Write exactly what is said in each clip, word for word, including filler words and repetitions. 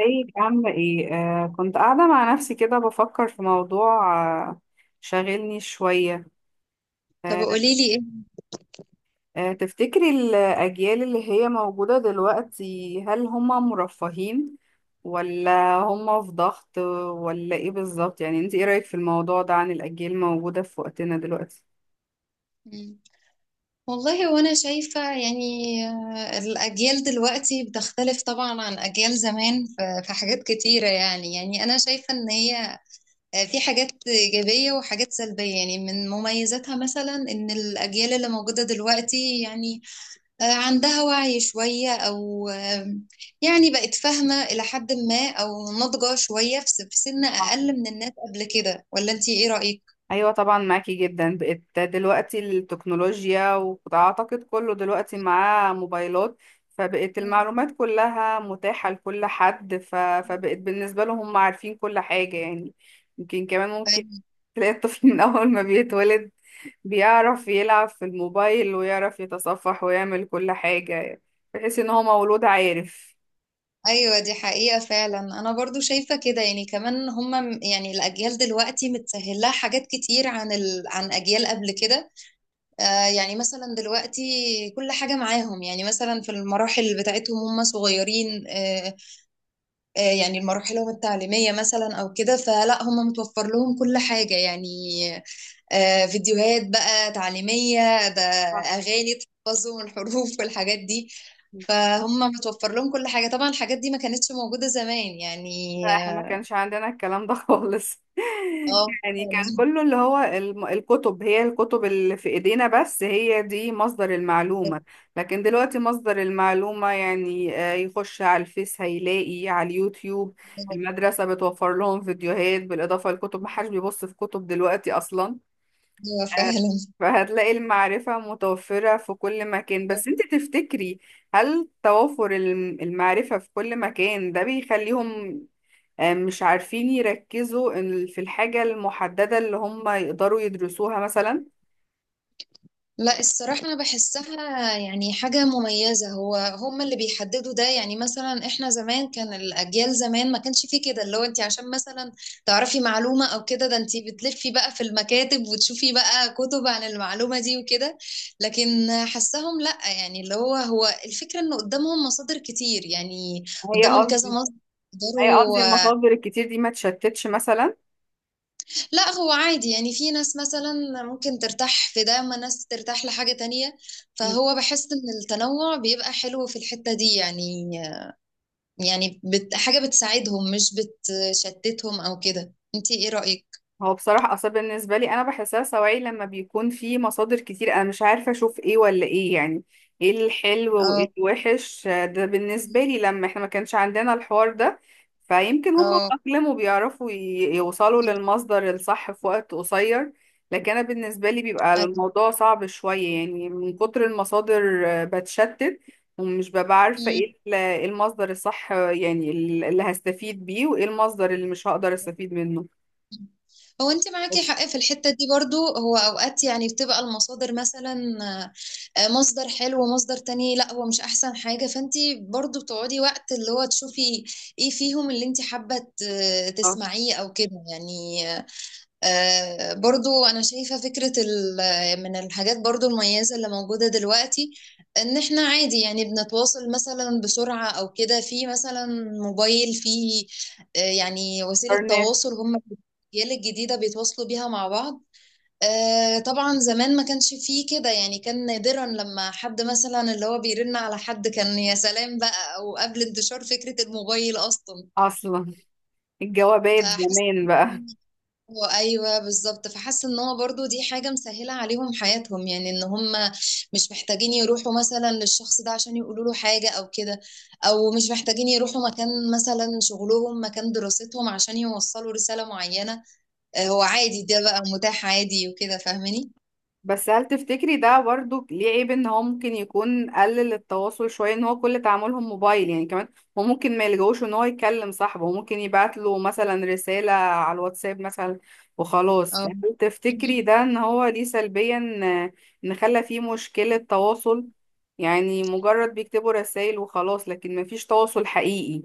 ازيك؟ عاملة ايه؟ آه، كنت قاعدة مع نفسي كده بفكر في موضوع. آه، شاغلني شوية. طب آه. قولي لي ايه؟ آه، تفتكري الأجيال اللي هي موجودة دلوقتي هل هما مرفهين ولا هما في ضغط ولا ايه بالظبط؟ يعني انت ايه رأيك في الموضوع ده عن الأجيال الموجودة في وقتنا دلوقتي؟ مم. والله وانا شايفة يعني آه، الأجيال دلوقتي بتختلف طبعا عن أجيال زمان في في حاجات كتيرة يعني يعني أنا شايفة إن هي آه، في حاجات إيجابية وحاجات سلبية، يعني من مميزاتها مثلا إن الأجيال اللي موجودة دلوقتي يعني آه، عندها وعي شوية أو آه، يعني بقت فاهمة إلى حد ما أو ناضجة شوية في س- في سن أقل من الناس قبل كده، ولا أنتي إيه رأيك؟ ايوه، طبعا معاكي جدا. بقت دلوقتي التكنولوجيا، واعتقد كله دلوقتي معاه موبايلات، فبقت المعلومات كلها متاحة لكل حد، ف... فبقت بالنسبة لهم هم عارفين كل حاجة يعني. يمكن كمان ممكن مم. تلاقي الطفل من اول ما بيتولد بيعرف يلعب في الموبايل، ويعرف يتصفح، ويعمل كل حاجة يعني، بحيث ان هو مولود عارف. ايوه دي حقيقة فعلا، انا برضو شايفة كده يعني كمان هم يعني الاجيال دلوقتي متسهلها حاجات كتير عن ال... عن اجيال قبل كده. آه يعني مثلا دلوقتي كل حاجة معاهم، يعني مثلا في المراحل بتاعتهم هم صغيرين آه آه يعني المراحلهم التعليمية مثلا او كده، فلا هم متوفر لهم كل حاجة يعني، آه، فيديوهات بقى تعليمية، ده صح. أغاني تحفظهم الحروف والحاجات دي، فهم متوفر لهم كل حاجة. طبعا الحاجات دي ما كانتش موجودة زمان يعني. لا، احنا ما كانش عندنا الكلام ده خالص. اه. يعني كان كله اللي هو الم- الكتب، هي الكتب اللي في ايدينا بس، هي دي مصدر المعلومة. لكن دلوقتي مصدر المعلومة يعني آه، يخش على الفيس، هيلاقي على اليوتيوب، المدرسة بتوفر لهم فيديوهات بالإضافة للكتب، محدش بيبص في كتب دلوقتي أصلا. آه، آه. فعلا. فهتلاقي المعرفة متوفرة في كل آه، مكان، فعلا. بس انت تفتكري هل توافر الم- المعرفة في كل مكان ده بيخليهم آه، مش عارفين يركزوا إن- في الحاجة المحددة اللي هم يقدروا يدرسوها مثلا؟ لا الصراحة أنا بحسها يعني حاجة مميزة، هو هم اللي بيحددوا ده، يعني مثلا إحنا زمان كان الأجيال زمان ما كانش فيه كده، اللي هو أنت عشان مثلا تعرفي معلومة أو كده، ده أنت بتلفي بقى في المكاتب وتشوفي بقى كتب عن المعلومة دي وكده. لكن حسهم لا، يعني اللي هو هو الفكرة إن قدامهم مصادر كتير يعني، هي قدامهم كذا قصدي، مصدر. هي قصدي المصادر الكتير دي ما تشتتش مثلا؟ لا هو عادي يعني، في ناس مثلا ممكن ترتاح في ده، اما ناس ترتاح لحاجة تانية، فهو بحس ان التنوع بيبقى حلو في الحتة دي يعني. يعني بت حاجة بتساعدهم مش بتشتتهم او كده، انتي ايه رأيك؟ هو بصراحة آثار بالنسبة لي، أنا بحسها سواعي لما بيكون في مصادر كتير، أنا مش عارفة أشوف إيه ولا إيه يعني، إيه الحلو اه. وإيه الوحش. آه، ده بالنسبة لي لما إحنا ما كانش عندنا الحوار ده. فيمكن هم اه. اتأقلموا، بيعرفوا ي- يوصلوا للمصدر الصح في وقت قصير، لكن أنا بالنسبة لي بيبقى أيوة. الموضوع صعب شوية يعني. من كتر المصادر آه، بتشتت، ومش ببقى عارفة إيه ال- إيه المصدر الصح، آه، يعني ال- اللي هستفيد بيه، وإيه المصدر اللي مش هقدر أستفيد منه. هو انت معاكي بس. حق في الحتة دي برضو، هو اوقات يعني بتبقى المصادر مثلا آه، آه، مصدر حلو ومصدر تاني لا هو مش احسن حاجة، فانت برضو بتقعدي وقت اللي هو تشوفي ايه فيهم اللي انت حابة ت- آه. تسمعيه او كده يعني. آه، آه، برضو أنا شايفة فكرة ال- من الحاجات برضو المميزة اللي موجودة دلوقتي، إن إحنا عادي يعني بنتواصل مثلا بسرعة أو كده، في مثلا موبايل في آه، يعني وسيلة برنات. تواصل هم الأجيال الجديدة بيتواصلوا بيها مع بعض. آه، طبعا زمان ما كانش فيه كده يعني، كان نادرا لما حد مثلا اللي هو بيرن على حد كان يا سلام بقى، أو قبل انتشار فكرة الموبايل أصلا. اصلا، الجوابات فحاسة زمان بقى. هو ايوه بالظبط، فحاسه ان هو برضو دي حاجه مسهله عليهم حياتهم، يعني ان هم مش محتاجين يروحوا مثلا للشخص ده عشان يقولوا له حاجه او كده، او مش محتاجين يروحوا مكان مثلا شغلهم مكان دراستهم عشان يوصلوا رساله معينه. آه، هو عادي ده بقى متاح عادي وكده، فاهماني؟ بس هل تفتكري ده برضو ليه عيب، ان هو ممكن يكون قلل التواصل شوية، ان هو كل تعاملهم موبايل يعني؟ كمان هو ممكن ما يلجوش ان هو يكلم صاحبه، هو ممكن يبعت له مثلا رسالة على الواتساب مثلا وخلاص. اه. فهل تفتكري ده ان هو ليه سلبيا، آه، ان خلى فيه مشكلة تواصل؟ يعني مجرد بيكتبوا رسائل وخلاص، لكن مفيش تواصل حقيقي.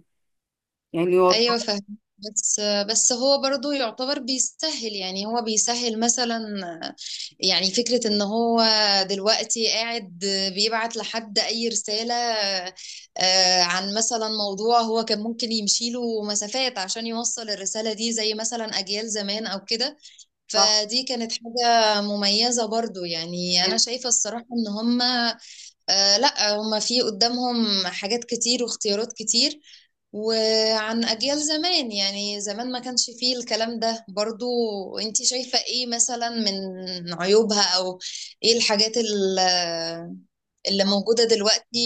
يعني هو ايوه التواصل- فاهم. بس بس هو برضو يعتبر بيسهل، يعني هو بيسهل مثلا يعني فكرة ان هو دلوقتي قاعد بيبعت لحد اي رسالة آه، عن مثلا موضوع هو كان ممكن يمشي له مسافات عشان يوصل الرسالة دي زي مثلا اجيال زمان او كده، صح. فدي كانت حاجة مميزة برضو، يعني انا يعني شايفة الصراحة ان هم آه، لا هم في قدامهم حاجات كتير واختيارات كتير، وعن أجيال زمان يعني زمان ما كانش فيه الكلام ده برضو. انتي شايفة ايه مثلا من عيوبها، او ايه الحاجات ال- اللي موجودة دلوقتي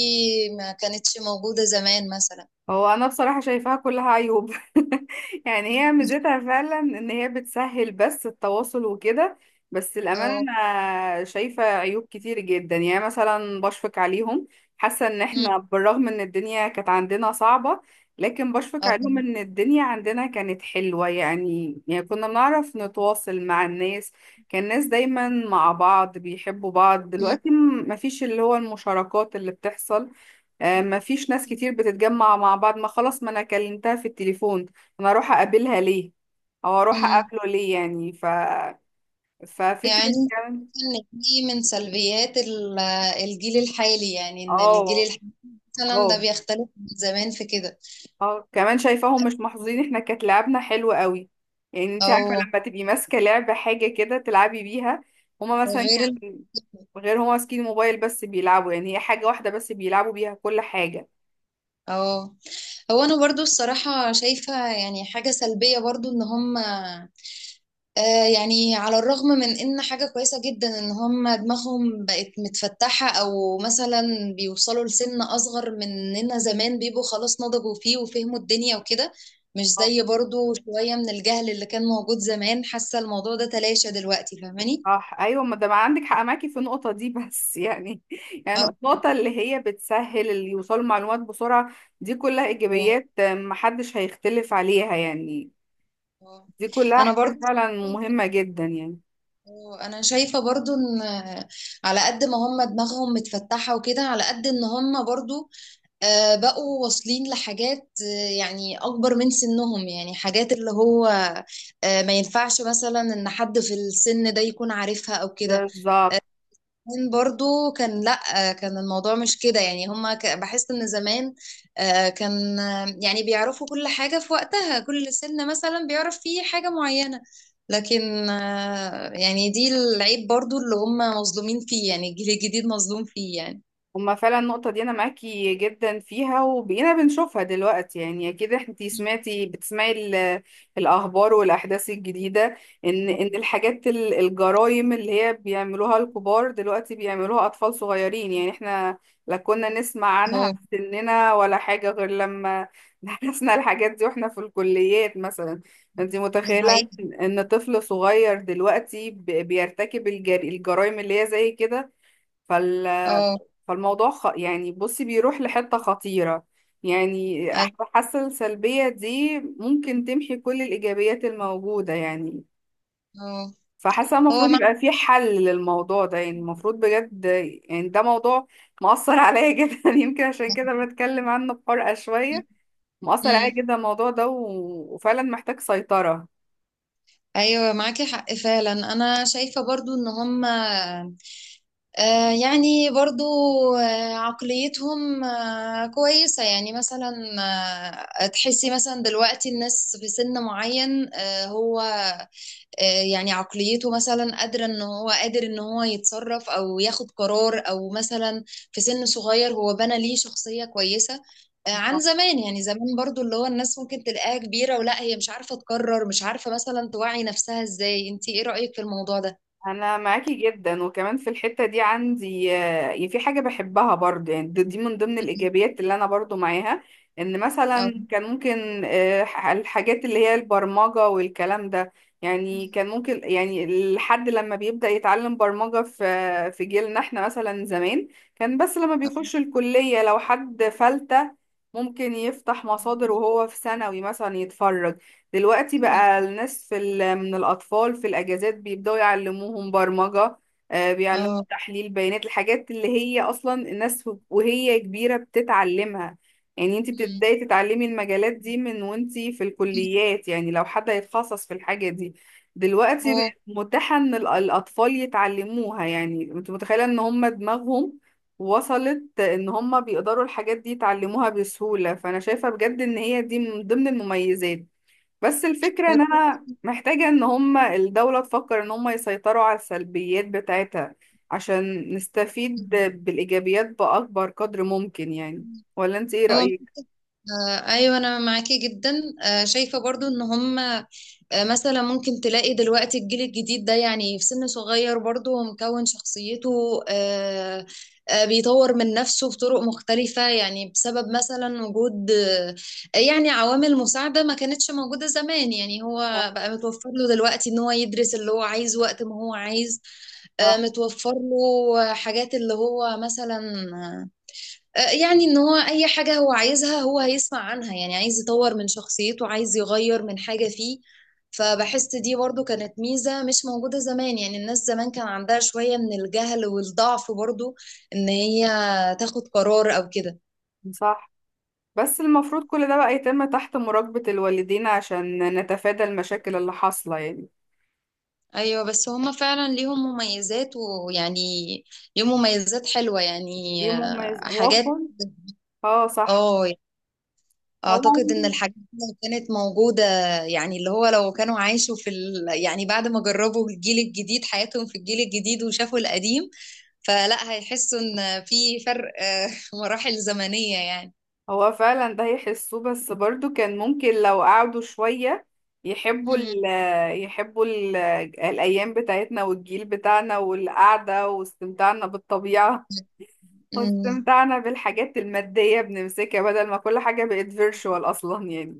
ما كانتش موجودة زمان مثلا؟ هو انا بصراحة شايفاها كلها عيوب. يعني هي ميزتها فعلا ان هي بتسهل بس التواصل وكده، بس الامانة اه. انا شايفة عيوب كتير جدا. يعني مثلا بشفق عليهم، حاسة ان مم. احنا بالرغم ان الدنيا كانت عندنا صعبة، لكن بشفق اه. عليهم. ان الدنيا عندنا كانت حلوة يعني، يعني كنا بنعرف نتواصل مع الناس، كان الناس دايما مع بعض بيحبوا بعض. مم. دلوقتي م- مفيش اللي هو المشاركات اللي بتحصل. آه، ما فيش ناس كتير بتتجمع مع بعض. ما خلاص، ما انا كلمتها في التليفون، انا اروح اقابلها ليه؟ او اروح مم. اقابله ليه؟ يعني ف، يعني ففكرة كمان. ان دي من سلبيات ال- الجيل الحالي، يعني ان الجيل اه. الحالي مثلا ده اه. بيختلف من زمان في كده، اه، كمان شايفاهم مش محظوظين. احنا كانت لعبنا حلو قوي، يعني انت عارفة او لما تبقي ماسكة لعبة، حاجة كده تلعبي بيها. هما مثلا غير ال- كان، غير هما ماسكين موبايل بس بيلعبوا، يعني هي حاجة واحدة بس بيلعبوا بيها كل حاجة. اه. هو انا برضو الصراحة شايفة يعني حاجة سلبية برضو ان هم آه يعني على الرغم من ان حاجة كويسة جدا ان هم دماغهم بقت متفتحة او مثلا بيوصلوا لسن اصغر مننا زمان بيبقوا خلاص نضجوا فيه وفهموا الدنيا وكده، مش زي برضو شوية من الجهل اللي كان موجود زمان. حاسة الموضوع ده تلاشى دلوقتي، فاهماني؟ صح ايوه، ما ده ما عندك حق، معاكي في النقطه دي، بس يعني يعني اه. النقطه اللي هي بتسهل اللي يوصلوا معلومات بسرعه، دي كلها آه، ايجابيات. آه، محدش هيختلف عليها يعني، آه. دي كلها انا حاجات برضو فعلا مهمه جدا يعني. انا شايفة برضو ان على قد ما هم دماغهم متفتحة وكده، على قد ان هم برضو آه، بقوا واصلين لحاجات آه، يعني اكبر من سنهم، يعني حاجات اللي هو آه، ما ينفعش مثلا ان حد في السن ده يكون عارفها او كده. بالظبط، زمان برضو كان لا كان الموضوع مش كده، يعني هما ك- بحس ان زمان آه، كان آه، يعني بيعرفوا كل حاجة في وقتها، كل سن مثلا بيعرف فيه حاجة معينة، لكن آه، يعني دي العيب برضو اللي هما مظلومين فيه يعني، الجيل الجديد مظلوم فيه يعني. هما فعلا النقطة دي أنا معاكي جدا فيها، وبقينا بنشوفها دلوقتي. يعني أكيد انتي سمعتي، بتسمعي ال- الأخبار والأحداث الجديدة إن إن الحاجات ال- الجرايم اللي هي بيعملوها الكبار دلوقتي بيعملوها أطفال صغيرين. يعني احنا لا كنا نسمع عنها اه في سننا ولا حاجة، غير لما درسنا الحاجات دي واحنا في الكليات مثلا. انتي دي متخيلة حقيقة. إن إن طفل صغير دلوقتي ب- بيرتكب الجر- الجرايم اللي هي زي كده؟ اه. فالموضوع خ... يعني بصي، بيروح لحتة خطيرة. يعني أح- أي- حاسة السلبية دي ممكن تمحي كل الإيجابيات الموجودة يعني. اه. فحاسة هو المفروض مع يبقى في حل للموضوع ده يعني. المفروض بجد، يعني ده موضوع مؤثر عليا جدا. يمكن عشان كده بتكلم عنه بحرقة شوية. مؤثر عليا مم. جدا الموضوع ده و... وفعلا محتاج سيطرة. ايوه معاكي حق فعلا، انا شايفة برضو ان هما آه، يعني برضو آه، عقليتهم آه، كويسة يعني، مثلا آه، تحسي مثلا دلوقتي الناس في سن معين، آه، هو آه، يعني عقليته مثلا قادرة ان هو قادر ان هو يتصرف او ياخد قرار او مثلا في سن صغير هو بنى ليه شخصية كويسة آه، عن زمان، يعني زمان برضو اللي هو الناس ممكن تلاقيها كبيرة ولا هي مش عارفة تقرر، مش عارفة مثلا توعي نفسها ازاي، انتي ايه رأيك في الموضوع ده؟ انا معاكي جدا، وكمان في الحتة دي عندي آه، يعني في حاجة بحبها برضه. يعني دي، دي من ضمن الايجابيات اللي انا برضه معاها، ان أو. مثلا كان ممكن آه، ح- الحاجات اللي هي البرمجة والكلام ده. يعني كان ممكن، يعني الحد لما بيبدأ يتعلم برمجة في في جيلنا احنا مثلا زمان، كان بس لما بيخش الكلية، لو حد فلتة ممكن يفتح مصادر وهو في ثانوي مثلا يتفرج. دلوقتي مم. بقى الناس في ال- من الأطفال في الأجازات بيبدأوا يعلموهم برمجة، آه، بيعلموهم اه. تحليل بيانات، الحاجات اللي هي أصلا الناس وهي كبيرة بتتعلمها. يعني انت مم. بتبدأي تتعلمي المجالات دي من وانت في مم. الكليات، يعني لو حد هيتخصص في الحاجة دي. دلوقتي اه. بقت متاحة ان ال- الأطفال يتعلموها. يعني انت متخيلة ان هم دماغهم وصلت ان هم بيقدروا الحاجات دي يتعلموها بسهولة؟ فانا شايفة بجد ان هي دي من ضمن المميزات، بس الفكرة هو ان فعلاً- انا محتاجة ان هما الدولة تفكر ان هما يسيطروا على السلبيات بتاعتها عشان نستفيد بالايجابيات باكبر قدر ممكن يعني. مم. ولا انت ايه اه. رأيك؟ آه، ايوه انا معاكي جدا، آه، شايفه برضو ان هم، آه، مثلا ممكن تلاقي دلوقتي الجيل الجديد ده يعني في سن صغير برضو ومكون شخصيته، آه، آه، بيطور من نفسه بطرق مختلفه يعني، بسبب مثلا وجود آه، يعني عوامل مساعده ما كانتش موجوده زمان، يعني هو صح. بقى متوفر له دلوقتي ان هو يدرس اللي هو عايزه وقت ما هو عايز، آه، صح. متوفر له حاجات اللي هو مثلا آه، يعني ان هو اي حاجة هو عايزها هو هيسمع عنها، يعني عايز يطور من شخصيته، عايز يغير من حاجة فيه، فبحس دي برضو كانت ميزة مش موجودة زمان، يعني الناس زمان كان عندها شوية من الجهل والضعف برضو ان هي تاخد قرار او كده. صح، بس المفروض كل ده بقى يتم تحت مراقبة الوالدين، عشان نتفادى المشاكل اللي حاصلة يعني. ايوه بس هما فعلا ليهم مميزات، ويعني ليهم مميزات حلوة يعني. دي مهمة آه، يز- هو حاجات. كل- اه صح. اه. هو، اعتقد ان الحاجات دي لو كانت موجودة، يعني اللي هو لو كانوا عاشوا في ال... يعني بعد ما جربوا الجيل الجديد حياتهم في الجيل الجديد وشافوا القديم، فلا هيحسوا ان في فرق آه، مراحل زمنية يعني. هو فعلا ده يحسوه، بس برضو كان ممكن لو قعدوا شوية يحبوا مم. ال، يحبوا ال الأيام بتاعتنا والجيل بتاعنا والقعدة واستمتاعنا بالطبيعة، مم. واستمتاعنا بالحاجات المادية بنمسكها، بدل ما كل حاجة بقت فيرتشوال أصلا يعني.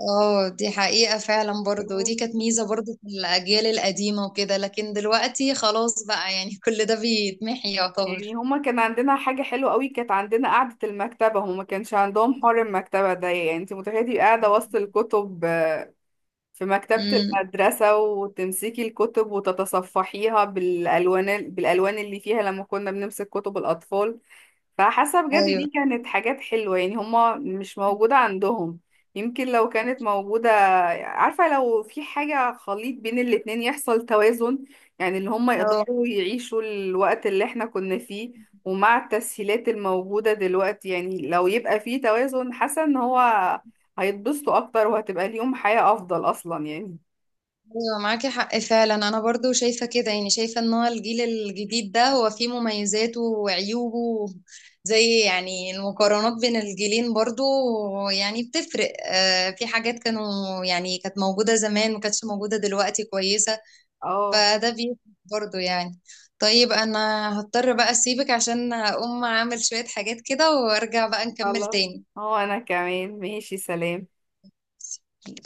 اه دي حقيقة فعلا بس. برضو، ودي كانت ميزة برضو في الأجيال القديمة وكده، لكن دلوقتي خلاص بقى، يعني كل ده بيتمحي يعني يعتبر. هما كان عندنا حاجة حلوة قوي، كانت عندنا قعدة المكتبة. هما ما كانش عندهم حوار المكتبة ده. يعني انت متخيلة تبقي قاعدة وسط الكتب في مكتبة امم المدرسة، وتمسكي الكتب وتتصفحيها بالألوان، بالألوان اللي فيها لما كنا بنمسك كتب الأطفال؟ فحاسه بجد ايوه. دي كانت حاجات حلوه، يعني هما مش موجوده عندهم. يمكن لو كانت موجوده، عارفه لو في حاجه خليط بين الاتنين يحصل توازن، يعني اللي هما آه. يقدروا يعيشوا الوقت اللي احنا كنا فيه ومع التسهيلات الموجوده دلوقتي. يعني لو يبقى في توازن، حاسه ان هو هيتبسطوا اكتر، وهتبقى ليهم حياه افضل اصلا يعني. ايوه معاكي حق فعلا، انا برضو شايفه كده يعني، شايفه ان هو الجيل الجديد ده هو فيه مميزاته وعيوبه، زي يعني المقارنات بين الجيلين برضو يعني بتفرق. آه في حاجات كانوا يعني كانت موجوده زمان ما كانتش موجوده دلوقتي كويسه، اه فده بيفرق برضو يعني. طيب انا هضطر بقى اسيبك عشان اقوم اعمل شويه حاجات كده، وارجع بقى نكمل خلاص، هو انا كمان ماشي، سلام. تاني.